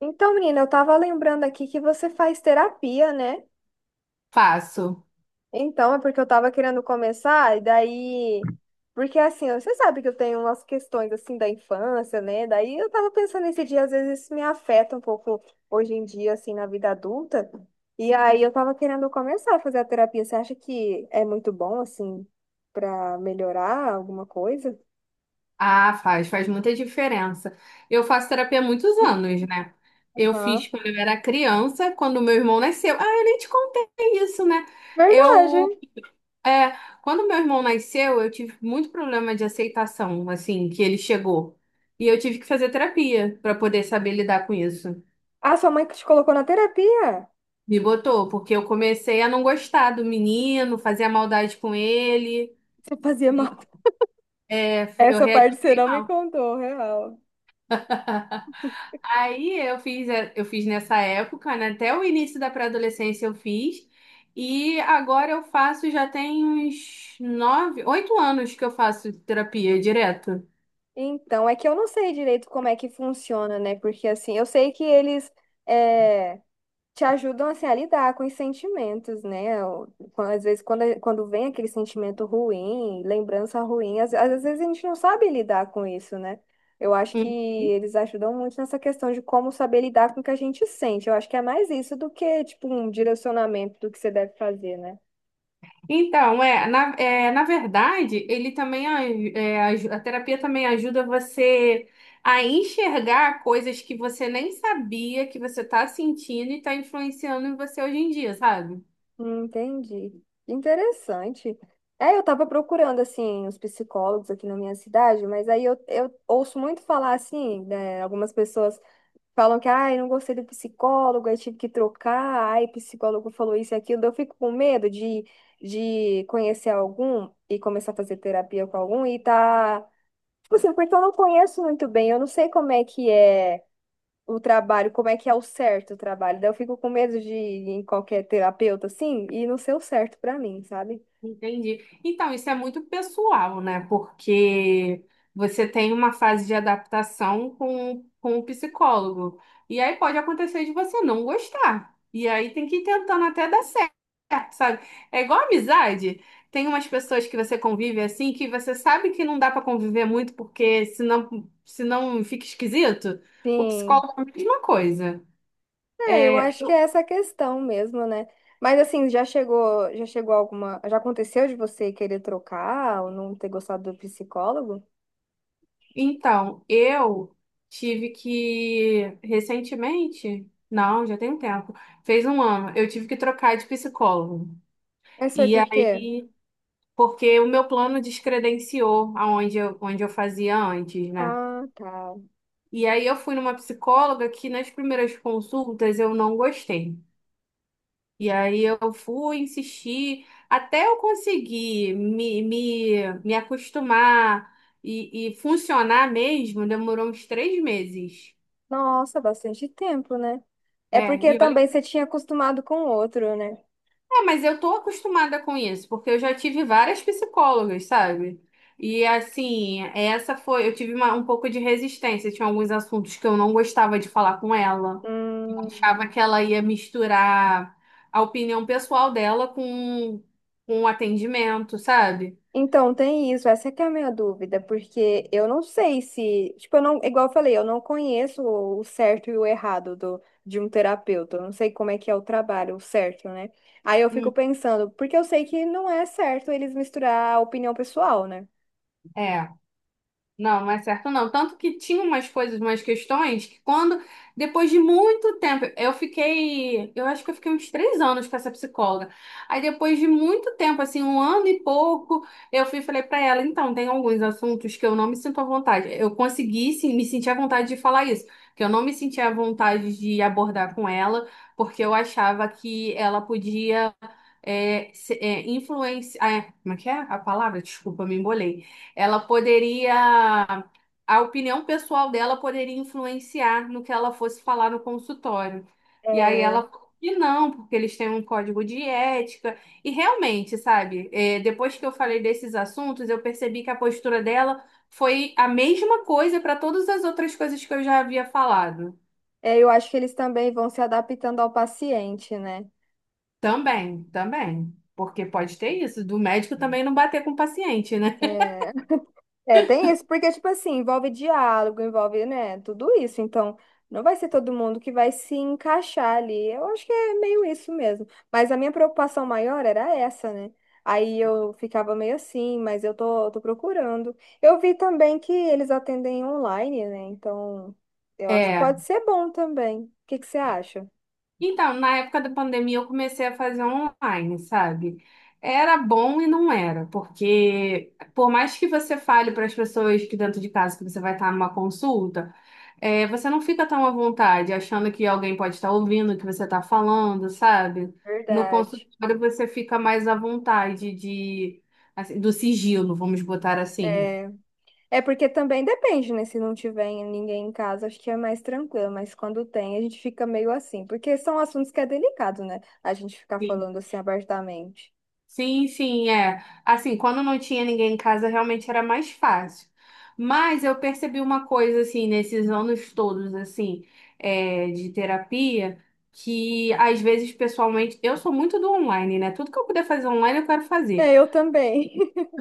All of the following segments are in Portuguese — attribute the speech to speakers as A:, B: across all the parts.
A: Então, menina, eu tava lembrando aqui que você faz terapia, né?
B: Faço.
A: Então, é porque eu tava querendo começar, e daí. Porque assim, você sabe que eu tenho umas questões assim da infância, né? Daí eu tava pensando nesse dia, às vezes isso me afeta um pouco hoje em dia, assim, na vida adulta. E aí eu tava querendo começar a fazer a terapia. Você acha que é muito bom, assim, pra melhorar alguma coisa?
B: Ah, faz muita diferença. Eu faço terapia há muitos anos, né? Eu
A: Aham.
B: fiz quando eu era criança, quando meu irmão nasceu. Ah, eu nem te contei isso, né?
A: Verdade.
B: Eu, é, Quando meu irmão nasceu, eu tive muito problema de aceitação, assim, que ele chegou. E eu tive que fazer terapia para poder saber lidar com isso.
A: Ah, sua mãe que te colocou na terapia?
B: Me botou, porque eu comecei a não gostar do menino, fazia maldade com ele,
A: Você fazia mal.
B: é, eu
A: Essa
B: reagi
A: parte você
B: bem
A: não me
B: mal.
A: contou, real.
B: Aí eu fiz nessa época, né? Até o início da pré-adolescência eu fiz. E agora eu faço, já tem uns 9, 8 anos que eu faço terapia direto.
A: Então, é que eu não sei direito como é que funciona, né? Porque assim, eu sei que eles é, te ajudam assim, a lidar com os sentimentos, né? Às vezes, quando vem aquele sentimento ruim, lembrança ruim, às vezes a gente não sabe lidar com isso, né? Eu acho que
B: Hum.
A: eles ajudam muito nessa questão de como saber lidar com o que a gente sente. Eu acho que é mais isso do que, tipo, um direcionamento do que você deve fazer, né?
B: Então, na verdade, ele também a terapia também ajuda você a enxergar coisas que você nem sabia que você está sentindo e está influenciando em você hoje em dia, sabe?
A: Entendi. Interessante. É, eu tava procurando, assim, os psicólogos aqui na minha cidade, mas aí eu ouço muito falar, assim, né, algumas pessoas falam que, ai, não gostei do psicólogo, aí tive que trocar, ai, psicólogo falou isso e aquilo. Eu fico com medo de conhecer algum e começar a fazer terapia com algum Tipo assim, porque eu não conheço muito bem, eu não sei como é que é o trabalho, como é que é o certo o trabalho. Daí eu fico com medo de ir em qualquer terapeuta assim e não ser o certo pra mim, sabe?
B: Entendi. Então, isso é muito pessoal, né? Porque você tem uma fase de adaptação com o psicólogo. E aí pode acontecer de você não gostar. E aí tem que ir tentando até dar certo, sabe? É igual amizade. Tem umas pessoas que você convive assim que você sabe que não dá para conviver muito porque senão fica esquisito. O
A: Sim.
B: psicólogo é a mesma coisa.
A: É, eu acho que é essa a questão mesmo, né? Mas assim, já chegou alguma, já aconteceu de você querer trocar ou não ter gostado do psicólogo?
B: Então, eu tive que recentemente, não, já tem um tempo, fez um ano, eu tive que trocar de psicólogo.
A: Mas foi
B: E
A: por quê?
B: aí, porque o meu plano descredenciou aonde eu, onde eu fazia antes, né?
A: Ah, tá.
B: E aí eu fui numa psicóloga que nas primeiras consultas eu não gostei. E aí eu fui insistir até eu conseguir me acostumar e funcionar mesmo, demorou uns 3 meses.
A: Nossa, bastante tempo, né? É
B: É,
A: porque
B: e olha,
A: também você tinha acostumado com o outro, né?
B: mas eu tô acostumada com isso, porque eu já tive várias psicólogas, sabe? E assim, essa foi, eu tive um pouco de resistência, tinha alguns assuntos que eu não gostava de falar com ela.
A: Hum.
B: Achava que ela ia misturar a opinião pessoal dela com o atendimento, sabe?
A: Então, tem isso, essa que é a minha dúvida, porque eu não sei se, tipo, eu não, igual eu falei, eu não conheço o certo e o errado de um terapeuta, eu não sei como é que é o trabalho, o certo, né? Aí eu fico
B: Hum.
A: pensando, porque eu sei que não é certo eles misturar a opinião pessoal, né?
B: É. Não, não é certo não. Tanto que tinha umas coisas, umas questões que quando, depois de muito tempo, eu fiquei, eu acho que eu fiquei uns 3 anos com essa psicóloga. Aí depois de muito tempo, assim, um ano e pouco, eu fui e falei pra ela, então, tem alguns assuntos que eu não me sinto à vontade. Eu consegui, sim, me sentir à vontade de falar isso, que eu não me sentia à vontade de abordar com ela, porque eu achava que ela podia como é que é a palavra? Desculpa, me embolei. Ela poderia, a opinião pessoal dela poderia influenciar no que ela fosse falar no consultório. E aí
A: É,
B: ela, e não, porque eles têm um código de ética. E realmente, sabe, é, depois que eu falei desses assuntos, eu percebi que a postura dela foi a mesma coisa para todas as outras coisas que eu já havia falado.
A: é, eu acho que eles também vão se adaptando ao paciente, né?
B: Também, também. Porque pode ter isso, do médico também não bater com o paciente, né?
A: É, É, tem isso, porque, tipo assim, envolve diálogo, envolve, né, tudo isso. Então, não vai ser todo mundo que vai se encaixar ali. Eu acho que é meio isso mesmo. Mas a minha preocupação maior era essa, né? Aí eu ficava meio assim, mas eu tô procurando. Eu vi também que eles atendem online, né? Então, eu acho que pode
B: É.
A: ser bom também. O que que você acha?
B: Então, na época da pandemia, eu comecei a fazer online, sabe? Era bom e não era, porque por mais que você fale para as pessoas que dentro de casa que você vai estar numa consulta, é, você não fica tão à vontade, achando que alguém pode estar ouvindo o que você está falando, sabe? No
A: Verdade.
B: consultório, você fica mais à vontade de, assim, do sigilo, vamos botar assim.
A: é É porque também depende, né? Se não tiver ninguém em casa, acho que é mais tranquilo, mas quando tem, a gente fica meio assim, porque são assuntos que é delicado, né? A gente ficar falando assim abertamente.
B: Sim, sim, é. Assim, quando não tinha ninguém em casa, realmente era mais fácil. Mas eu percebi uma coisa, assim, nesses anos todos, assim, é, de terapia, que às vezes, pessoalmente, eu sou muito do online, né? Tudo que eu puder fazer online, eu quero
A: É,
B: fazer.
A: eu também.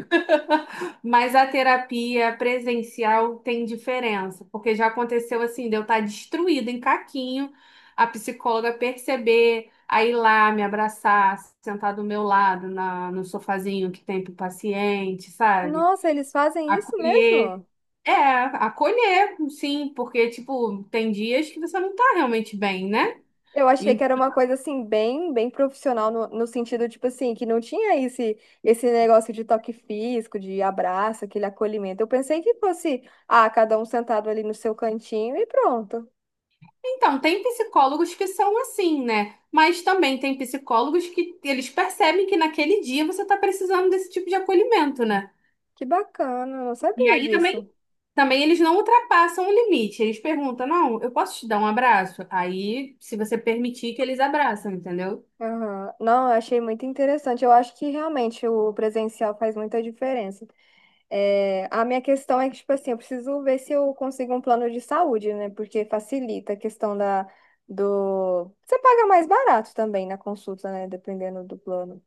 B: Mas a terapia presencial tem diferença, porque já aconteceu assim, de eu estar destruída em caquinho, a psicóloga perceber, aí ir lá me abraçar, sentar do meu lado na, no sofazinho que tem pro paciente, sabe?
A: Nossa, eles fazem isso
B: Acolher.
A: mesmo?
B: É, acolher, sim, porque, tipo, tem dias que você não tá realmente bem, né?
A: Eu achei que era uma coisa assim, bem, bem profissional, no sentido, tipo assim, que não tinha esse, negócio de toque físico, de abraço, aquele acolhimento. Eu pensei que fosse, cada um sentado ali no seu cantinho e pronto.
B: Então, tem psicólogos que são assim, né? Mas também tem psicólogos que eles percebem que naquele dia você está precisando desse tipo de acolhimento, né?
A: Que bacana, eu não
B: E
A: sabia
B: aí também,
A: disso.
B: também eles não ultrapassam o limite. Eles perguntam, não, eu posso te dar um abraço? Aí, se você permitir que eles abraçam, entendeu?
A: Aham. Não, eu achei muito interessante. Eu acho que realmente o presencial faz muita diferença. É, a minha questão é que, tipo assim, eu preciso ver se eu consigo um plano de saúde, né? Porque facilita a questão. Você paga mais barato também na consulta, né? Dependendo do plano.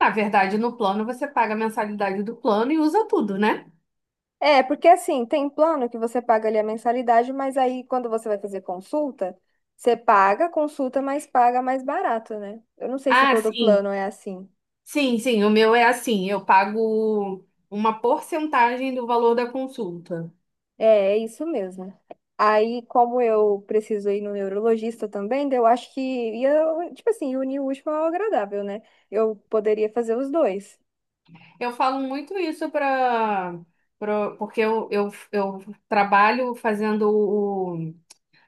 B: Na verdade, no plano você paga a mensalidade do plano e usa tudo, né?
A: É, porque assim, tem plano que você paga ali a mensalidade, mas aí quando você vai fazer consulta, você paga a consulta, mas paga mais barato, né? Eu não sei se
B: Ah,
A: todo
B: sim.
A: plano é assim.
B: Sim, sim, o meu é assim, eu pago uma porcentagem do valor da consulta.
A: É, é isso mesmo. Aí, como eu preciso ir no neurologista também, daí eu acho que ia, tipo assim, unir o útil ao agradável, né? Eu poderia fazer os dois.
B: Eu falo muito isso para porque eu trabalho fazendo o,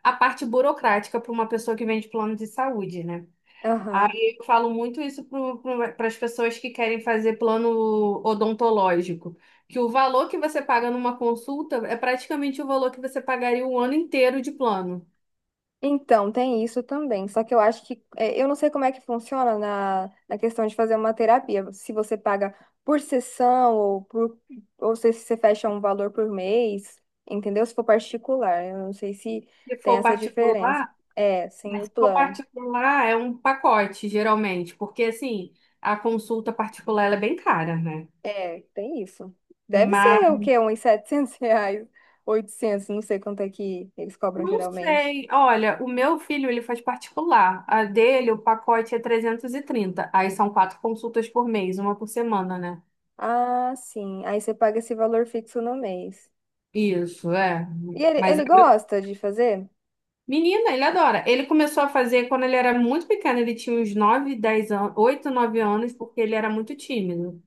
B: a parte burocrática para uma pessoa que vende plano de saúde, né?
A: Aham.
B: Aí eu falo muito isso para as pessoas que querem fazer plano odontológico, que o valor que você paga numa consulta é praticamente o valor que você pagaria o ano inteiro de plano.
A: Então, tem isso também. Só que eu acho que, eu não sei como é que funciona na questão de fazer uma terapia. Se você paga por sessão ou se você fecha um valor por mês, entendeu? Se for particular, eu não sei se
B: Se
A: tem
B: for
A: essa diferença.
B: particular,
A: É, sem
B: né,
A: o
B: se for
A: plano.
B: particular é um pacote, geralmente, porque assim, a consulta particular ela é bem cara, né?
A: É, tem isso. Deve
B: Mas
A: ser o quê? Uns 700 reais, 800, não sei quanto é que eles cobram
B: não
A: geralmente.
B: sei. Olha, o meu filho, ele faz particular. A dele, o pacote é 330. Aí são 4 consultas por mês, uma por semana, né?
A: Ah, sim. Aí você paga esse valor fixo no mês.
B: Isso, é.
A: E ele,
B: Mas,
A: ele gosta de fazer?
B: menina, ele adora. Ele começou a fazer quando ele era muito pequeno. Ele tinha uns 9, 10 anos, 8, 9 anos, porque ele era muito tímido.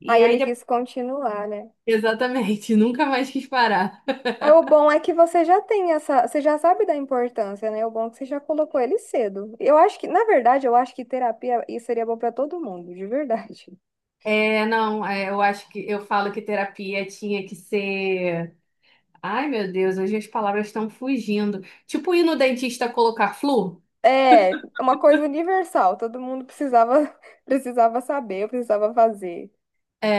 B: E
A: Aí
B: aí,
A: ele quis continuar, né?
B: exatamente, nunca mais quis parar.
A: Aí o bom é que você já tem essa, você já sabe da importância, né? O bom é que você já colocou ele cedo. Eu acho que, na verdade, eu acho que terapia isso seria bom pra todo mundo, de verdade.
B: É, não, é, eu acho que eu falo que terapia tinha que ser. Ai, meu Deus, hoje as palavras estão fugindo. Tipo ir no dentista colocar flu?
A: É, é uma coisa universal, todo mundo precisava precisava saber, precisava fazer.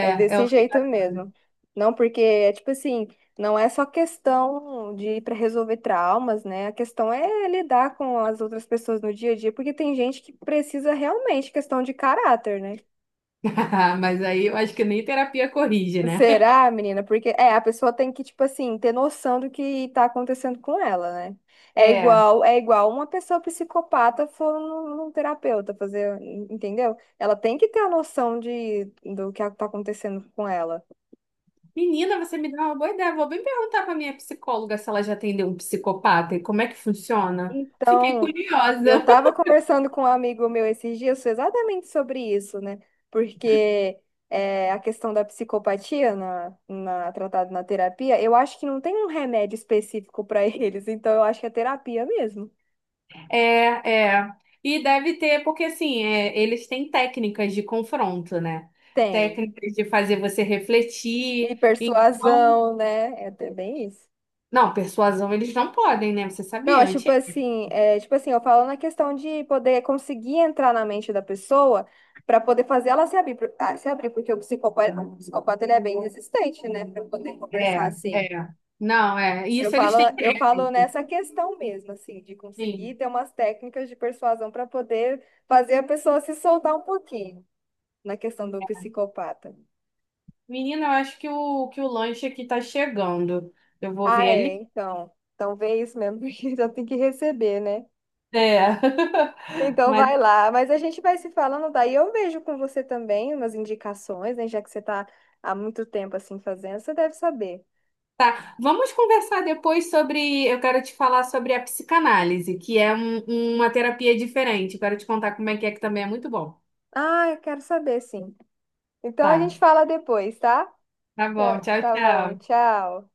A: É
B: é
A: desse
B: o que.
A: jeito mesmo. Não, porque é tipo assim, não é só questão de ir para resolver traumas, né? A questão é lidar com as outras pessoas no dia a dia, porque tem gente que precisa realmente questão de caráter, né?
B: Mas aí eu acho que nem terapia corrige, né?
A: Será, menina? Porque a pessoa tem que, tipo assim, ter noção do que tá acontecendo com ela, né? É
B: É.
A: igual, é igual uma pessoa psicopata for num terapeuta fazer, entendeu? Ela tem que ter a noção do que tá acontecendo com ela.
B: Menina, você me deu uma boa ideia. Vou bem perguntar pra minha psicóloga se ela já atendeu um psicopata e como é que funciona. Fiquei
A: Então, eu
B: curiosa.
A: estava conversando com um amigo meu esses dias exatamente sobre isso, né? Porque a questão da psicopatia tratada na terapia, eu acho que não tem um remédio específico para eles, então eu acho que é terapia mesmo.
B: É, é. E deve ter, porque assim, é, eles têm técnicas de confronto, né?
A: Tem.
B: Técnicas de fazer você
A: E
B: refletir. Então,
A: persuasão, né? É bem isso.
B: não, persuasão eles não podem, né? Você
A: Não, é
B: sabia antes?
A: tipo assim, eu falo na questão de poder conseguir entrar na mente da pessoa para poder fazer ela se abrir, porque o psicopata ele é bem resistente, né, para poder conversar
B: É,
A: assim.
B: é. Não, é.
A: Eu
B: Isso
A: falo,
B: eles têm
A: eu falo
B: crédito.
A: nessa questão mesmo, assim, de conseguir
B: Sim.
A: ter umas técnicas de persuasão para poder fazer a pessoa se soltar um pouquinho na questão do psicopata.
B: Menina, eu acho que o, lanche aqui tá chegando. Eu vou ver
A: Ah, é,
B: ele.
A: então vê isso mesmo, porque já tem que receber, né?
B: É.
A: Então
B: Mas
A: vai lá, mas a gente vai se falando daí. Eu vejo com você também umas indicações, né? Já que você está há muito tempo assim fazendo, você deve saber.
B: tá. Vamos conversar depois sobre. Eu quero te falar sobre a psicanálise, que é uma terapia diferente. Eu quero te contar como é, que também é muito bom.
A: Ah, eu quero saber, sim. Então a
B: Tá.
A: gente fala depois, tá?
B: Tá bom.
A: Tá
B: Tchau,
A: tá bom,
B: tchau.
A: tchau.